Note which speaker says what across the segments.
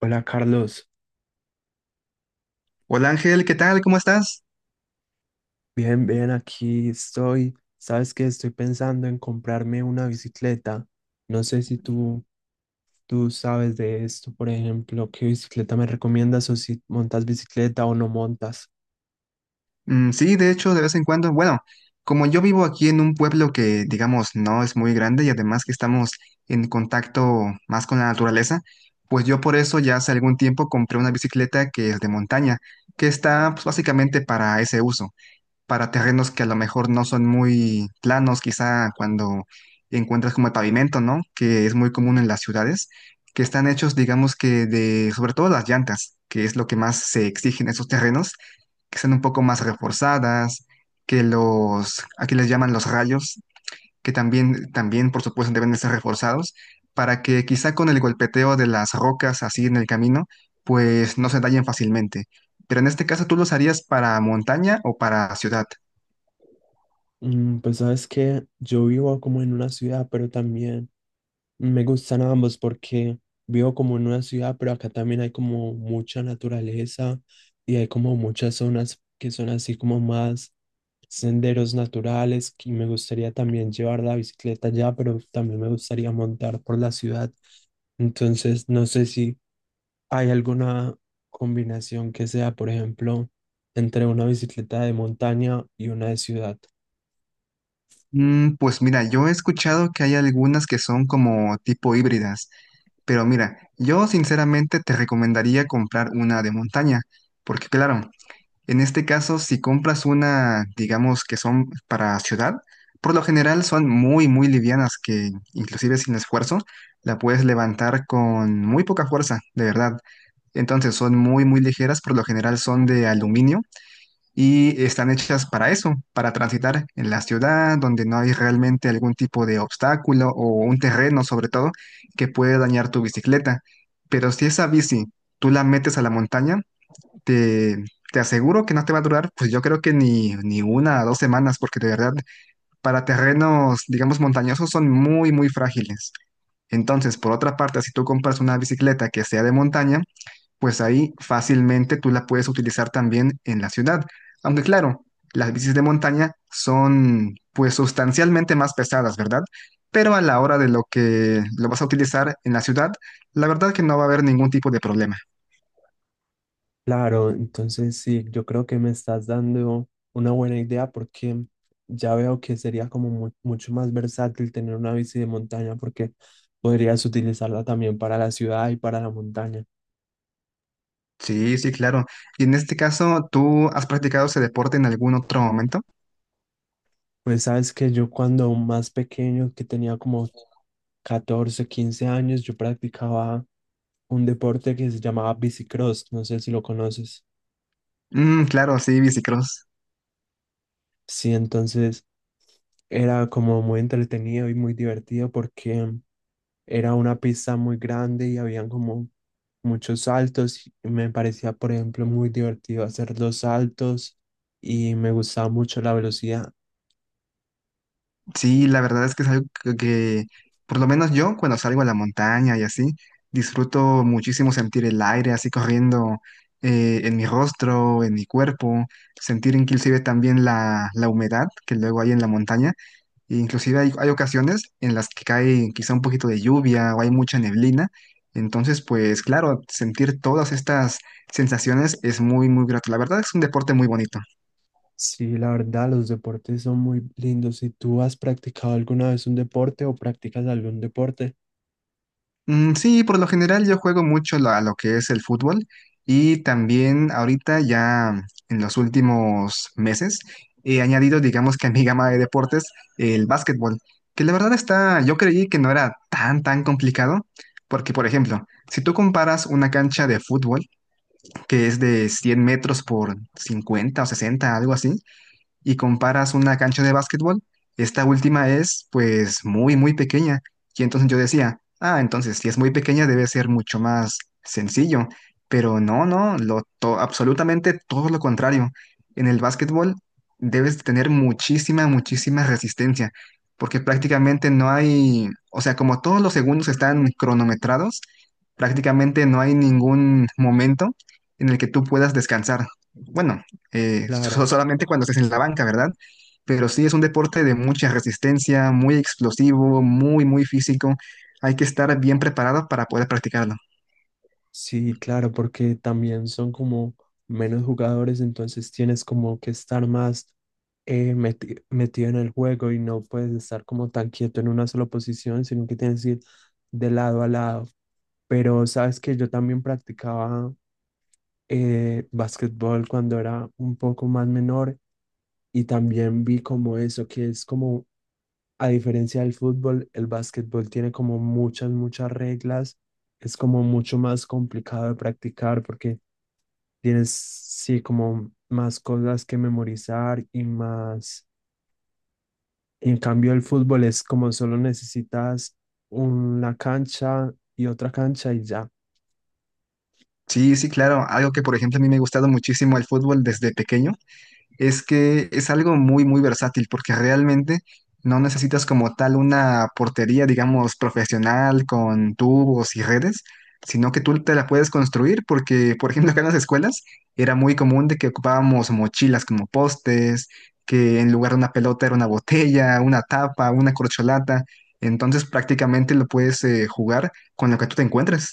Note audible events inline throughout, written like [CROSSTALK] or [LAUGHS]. Speaker 1: Hola Carlos,
Speaker 2: Hola Ángel, ¿qué tal? ¿Cómo estás?
Speaker 1: bien, bien, aquí estoy. Sabes que estoy pensando en comprarme una bicicleta. No sé si tú sabes de esto, por ejemplo, qué bicicleta me recomiendas o si montas bicicleta o no montas.
Speaker 2: Sí, de hecho, de vez en cuando, bueno, como yo vivo aquí en un pueblo que, digamos, no es muy grande y además que estamos en contacto más con la naturaleza, pues yo por eso ya hace algún tiempo compré una bicicleta que es de montaña, que está pues, básicamente para ese uso. Para terrenos que a lo mejor no son muy planos, quizá cuando encuentras como el pavimento, ¿no? Que es muy común en las ciudades, que están hechos, digamos que de, sobre todo las llantas, que es lo que más se exige en esos terrenos, que sean un poco más reforzadas, que los, aquí les llaman los rayos, que también, también por supuesto deben de ser reforzados, para que quizá con el golpeteo de las rocas así en el camino, pues no se dañen fácilmente. Pero en este caso, ¿tú los harías para montaña o para ciudad?
Speaker 1: Pues sabes que yo vivo como en una ciudad, pero también me gustan ambos porque vivo como en una ciudad, pero acá también hay como mucha naturaleza y hay como muchas zonas que son así como más senderos naturales, y me gustaría también llevar la bicicleta allá, pero también me gustaría montar por la ciudad. Entonces, no sé si hay alguna combinación que sea, por ejemplo, entre una bicicleta de montaña y una de ciudad.
Speaker 2: Pues mira, yo he escuchado que hay algunas que son como tipo híbridas, pero mira, yo sinceramente te recomendaría comprar una de montaña, porque claro, en este caso si compras una, digamos que son para ciudad, por lo general son muy, muy livianas que inclusive sin esfuerzo la puedes levantar con muy poca fuerza, de verdad. Entonces son muy, muy ligeras, por lo general son de aluminio y están hechas para eso, para transitar en la ciudad donde no hay realmente algún tipo de obstáculo o un terreno sobre todo que puede dañar tu bicicleta. Pero si esa bici tú la metes a la montaña, te, te aseguro que no te va a durar, pues yo creo que ni, ni una o dos semanas, porque de verdad para terrenos, digamos, montañosos son muy, muy frágiles. Entonces, por otra parte, si tú compras una bicicleta que sea de montaña, pues ahí fácilmente tú la puedes utilizar también en la ciudad. Aunque claro, las bicis de montaña son pues sustancialmente más pesadas, ¿verdad? Pero a la hora de lo que lo vas a utilizar en la ciudad, la verdad que no va a haber ningún tipo de problema.
Speaker 1: Claro, entonces sí, yo creo que me estás dando una buena idea, porque ya veo que sería como mucho más versátil tener una bici de montaña, porque podrías utilizarla también para la ciudad y para la montaña.
Speaker 2: Sí, sí, claro. Y en este caso, ¿tú has practicado ese deporte en algún otro momento?
Speaker 1: Pues sabes que yo cuando más pequeño, que tenía como 14, 15 años, yo practicaba un deporte que se llamaba bicicross, no sé si lo conoces.
Speaker 2: Claro, sí, bicicross.
Speaker 1: Sí, entonces era como muy entretenido y muy divertido porque era una pista muy grande y habían como muchos saltos. Y me parecía, por ejemplo, muy divertido hacer los saltos, y me gustaba mucho la velocidad.
Speaker 2: Sí, la verdad es que es algo que, por lo menos yo, cuando salgo a la montaña y así, disfruto muchísimo sentir el aire así corriendo en mi rostro, en mi cuerpo, sentir inclusive también la humedad que luego hay en la montaña. E inclusive hay ocasiones en las que cae quizá un poquito de lluvia o hay mucha neblina. Entonces, pues claro, sentir todas estas sensaciones es muy, muy grato. La verdad es un deporte muy bonito.
Speaker 1: Sí, la verdad, los deportes son muy lindos. Si tú has practicado alguna vez un deporte o practicas algún deporte,
Speaker 2: Sí, por lo general yo juego mucho a lo que es el fútbol y también ahorita ya en los últimos meses he añadido, digamos que a mi gama de deportes, el básquetbol, que la verdad está, yo creí que no era tan, tan complicado, porque por ejemplo, si tú comparas una cancha de fútbol que es de 100 metros por 50 o 60 algo así, y comparas una cancha de básquetbol, esta última es pues muy, muy pequeña. Y entonces yo decía, ah, entonces si es muy pequeña debe ser mucho más sencillo. Pero no, no, absolutamente todo lo contrario. En el básquetbol debes tener muchísima, muchísima resistencia, porque prácticamente no hay, o sea, como todos los segundos están cronometrados, prácticamente no hay ningún momento en el que tú puedas descansar. Bueno,
Speaker 1: claro.
Speaker 2: solamente cuando estés en la banca, ¿verdad? Pero sí es un deporte de mucha resistencia, muy explosivo, muy, muy físico. Hay que estar bien preparado para poder practicarlo.
Speaker 1: Sí, claro, porque también son como menos jugadores, entonces tienes como que estar más metido en el juego y no puedes estar como tan quieto en una sola posición, sino que tienes que ir de lado a lado. Pero sabes que yo también practicaba básquetbol cuando era un poco más menor, y también vi como eso, que es como, a diferencia del fútbol, el básquetbol tiene como muchas, muchas reglas, es como mucho más complicado de practicar porque tienes, sí, como más cosas que memorizar y más. En cambio, el fútbol es como solo necesitas una cancha y otra cancha y ya.
Speaker 2: Sí, sí, claro. Algo que, por ejemplo, a mí me ha gustado muchísimo el fútbol desde pequeño. Es que es algo muy, muy versátil porque realmente no necesitas como tal una portería, digamos, profesional con tubos y redes, sino que tú te la puedes construir porque, por ejemplo, acá en las escuelas era muy común de que ocupábamos mochilas como postes, que en lugar de una pelota era una botella, una tapa, una corcholata. Entonces prácticamente lo puedes jugar con lo que tú te encuentres.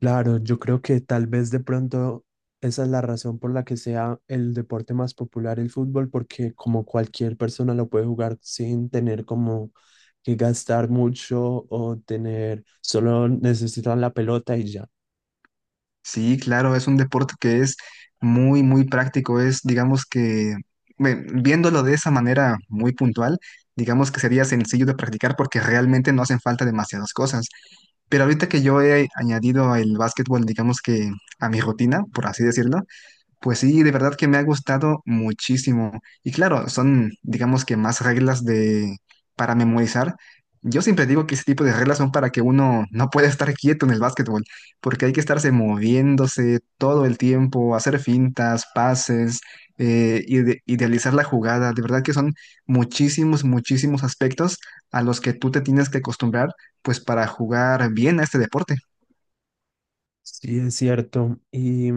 Speaker 1: Claro, yo creo que tal vez de pronto esa es la razón por la que sea el deporte más popular el fútbol, porque como cualquier persona lo puede jugar sin tener como que gastar mucho o tener, solo necesitan la pelota y ya.
Speaker 2: Sí, claro, es un deporte que es muy, muy práctico. Es, digamos que, bueno, viéndolo de esa manera muy puntual, digamos que sería sencillo de practicar porque realmente no hacen falta demasiadas cosas. Pero ahorita que yo he añadido el básquetbol, digamos que a mi rutina, por así decirlo, pues sí, de verdad que me ha gustado muchísimo. Y claro, son, digamos que más reglas de para memorizar. Yo siempre digo que ese tipo de reglas son para que uno no pueda estar quieto en el básquetbol, porque hay que estarse moviéndose todo el tiempo, hacer fintas, pases, idealizar la jugada. De verdad que son muchísimos, muchísimos aspectos a los que tú te tienes que acostumbrar, pues para jugar bien a este deporte.
Speaker 1: Sí, es cierto.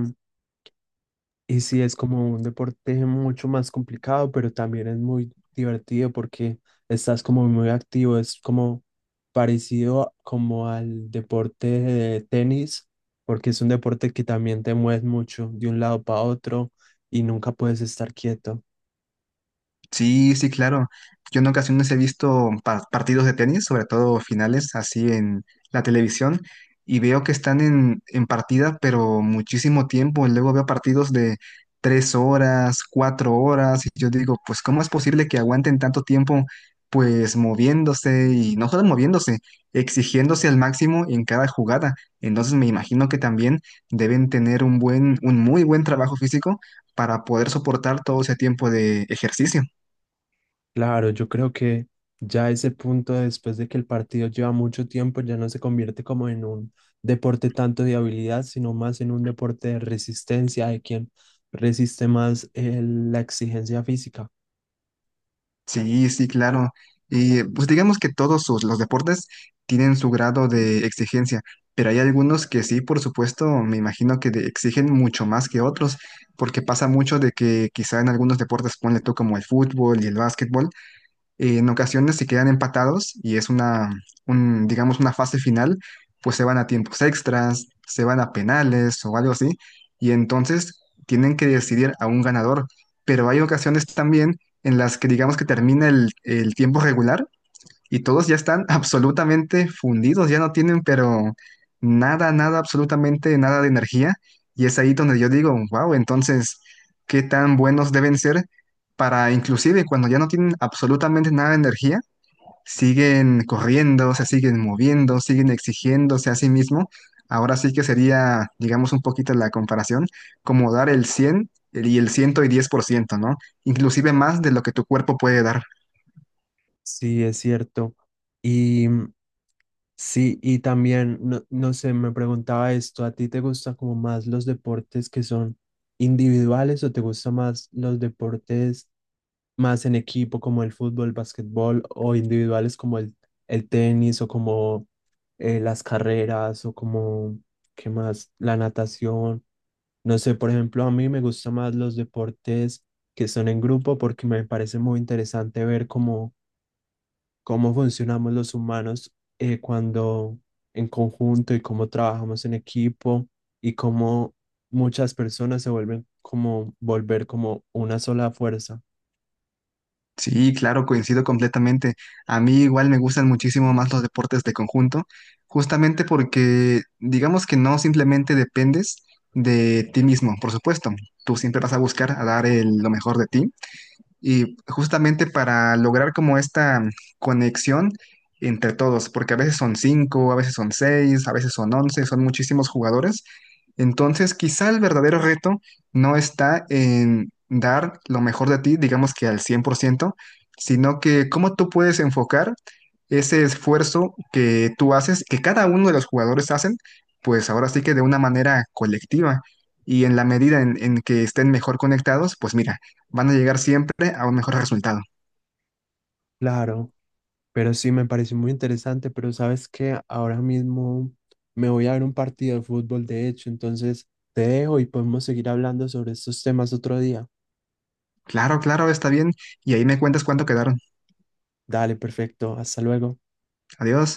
Speaker 1: Y sí, es como un deporte mucho más complicado, pero también es muy divertido porque estás como muy activo, es como parecido como al deporte de tenis, porque es un deporte que también te mueves mucho de un lado para otro y nunca puedes estar quieto.
Speaker 2: Sí, sí, claro. Yo en ocasiones he visto partidos de tenis, sobre todo finales, así en la televisión, y veo que están en partida, pero muchísimo tiempo. Luego veo partidos de 3 horas, 4 horas, y yo digo, pues, ¿cómo es posible que aguanten tanto tiempo, pues, moviéndose y no solo moviéndose, exigiéndose al máximo en cada jugada? Entonces me imagino que también deben tener un buen, un muy buen trabajo físico para poder soportar todo ese tiempo de ejercicio.
Speaker 1: Claro, yo creo que ya ese punto, después de que el partido lleva mucho tiempo, ya no se convierte como en un deporte tanto de habilidad, sino más en un deporte de resistencia, de quien resiste más la exigencia física.
Speaker 2: Sí, sí, claro. Y pues digamos que todos los deportes tienen su grado de exigencia, pero hay algunos que sí, por supuesto, me imagino que exigen mucho más que otros, porque pasa mucho de que quizá en algunos deportes, ponle tú como el fútbol y el básquetbol, en ocasiones si quedan empatados y es digamos, una fase final, pues se van a tiempos extras, se van a penales o algo así, y entonces tienen que decidir a un ganador. Pero hay ocasiones también en las que digamos que termina el tiempo regular y todos ya están [LAUGHS] absolutamente fundidos, ya no tienen, pero nada, nada, absolutamente nada de energía. Y es ahí donde yo digo, wow, entonces, ¿qué tan buenos deben ser para inclusive cuando ya no tienen absolutamente nada de energía, siguen corriendo, se siguen moviendo, siguen exigiéndose a sí mismo? Ahora sí que sería, digamos, un poquito la comparación, como dar el 100 y el 110%, ¿no? Inclusive más de lo que tu cuerpo puede dar.
Speaker 1: Sí, es cierto. Y sí, y también, no, no sé, me preguntaba esto, ¿a ti te gustan como más los deportes que son individuales o te gustan más los deportes? Más en equipo como el fútbol, básquetbol, o individuales como el tenis o como las carreras o como, ¿qué más? La natación. No sé, por ejemplo, a mí me gustan más los deportes que son en grupo, porque me parece muy interesante ver cómo, cómo funcionamos los humanos cuando en conjunto, y cómo trabajamos en equipo, y cómo muchas personas se vuelven como volver como una sola fuerza.
Speaker 2: Sí, claro, coincido completamente. A mí igual me gustan muchísimo más los deportes de conjunto, justamente porque digamos que no simplemente dependes de ti mismo, por supuesto. Tú siempre vas a buscar a dar lo mejor de ti, y justamente para lograr como esta conexión entre todos, porque a veces son cinco, a veces son seis, a veces son 11, son muchísimos jugadores. Entonces, quizá el verdadero reto no está en dar lo mejor de ti, digamos que al 100%, sino que cómo tú puedes enfocar ese esfuerzo que tú haces, que cada uno de los jugadores hacen, pues ahora sí que de una manera colectiva. Y en la medida en que estén mejor conectados, pues mira, van a llegar siempre a un mejor resultado.
Speaker 1: Claro. Pero sí, me pareció muy interesante, pero sabes que ahora mismo me voy a ver un partido de fútbol, de hecho, entonces te dejo y podemos seguir hablando sobre estos temas otro día.
Speaker 2: Claro, claro, está bien. Y ahí me cuentas cuánto quedaron.
Speaker 1: Dale, perfecto, hasta luego.
Speaker 2: Adiós.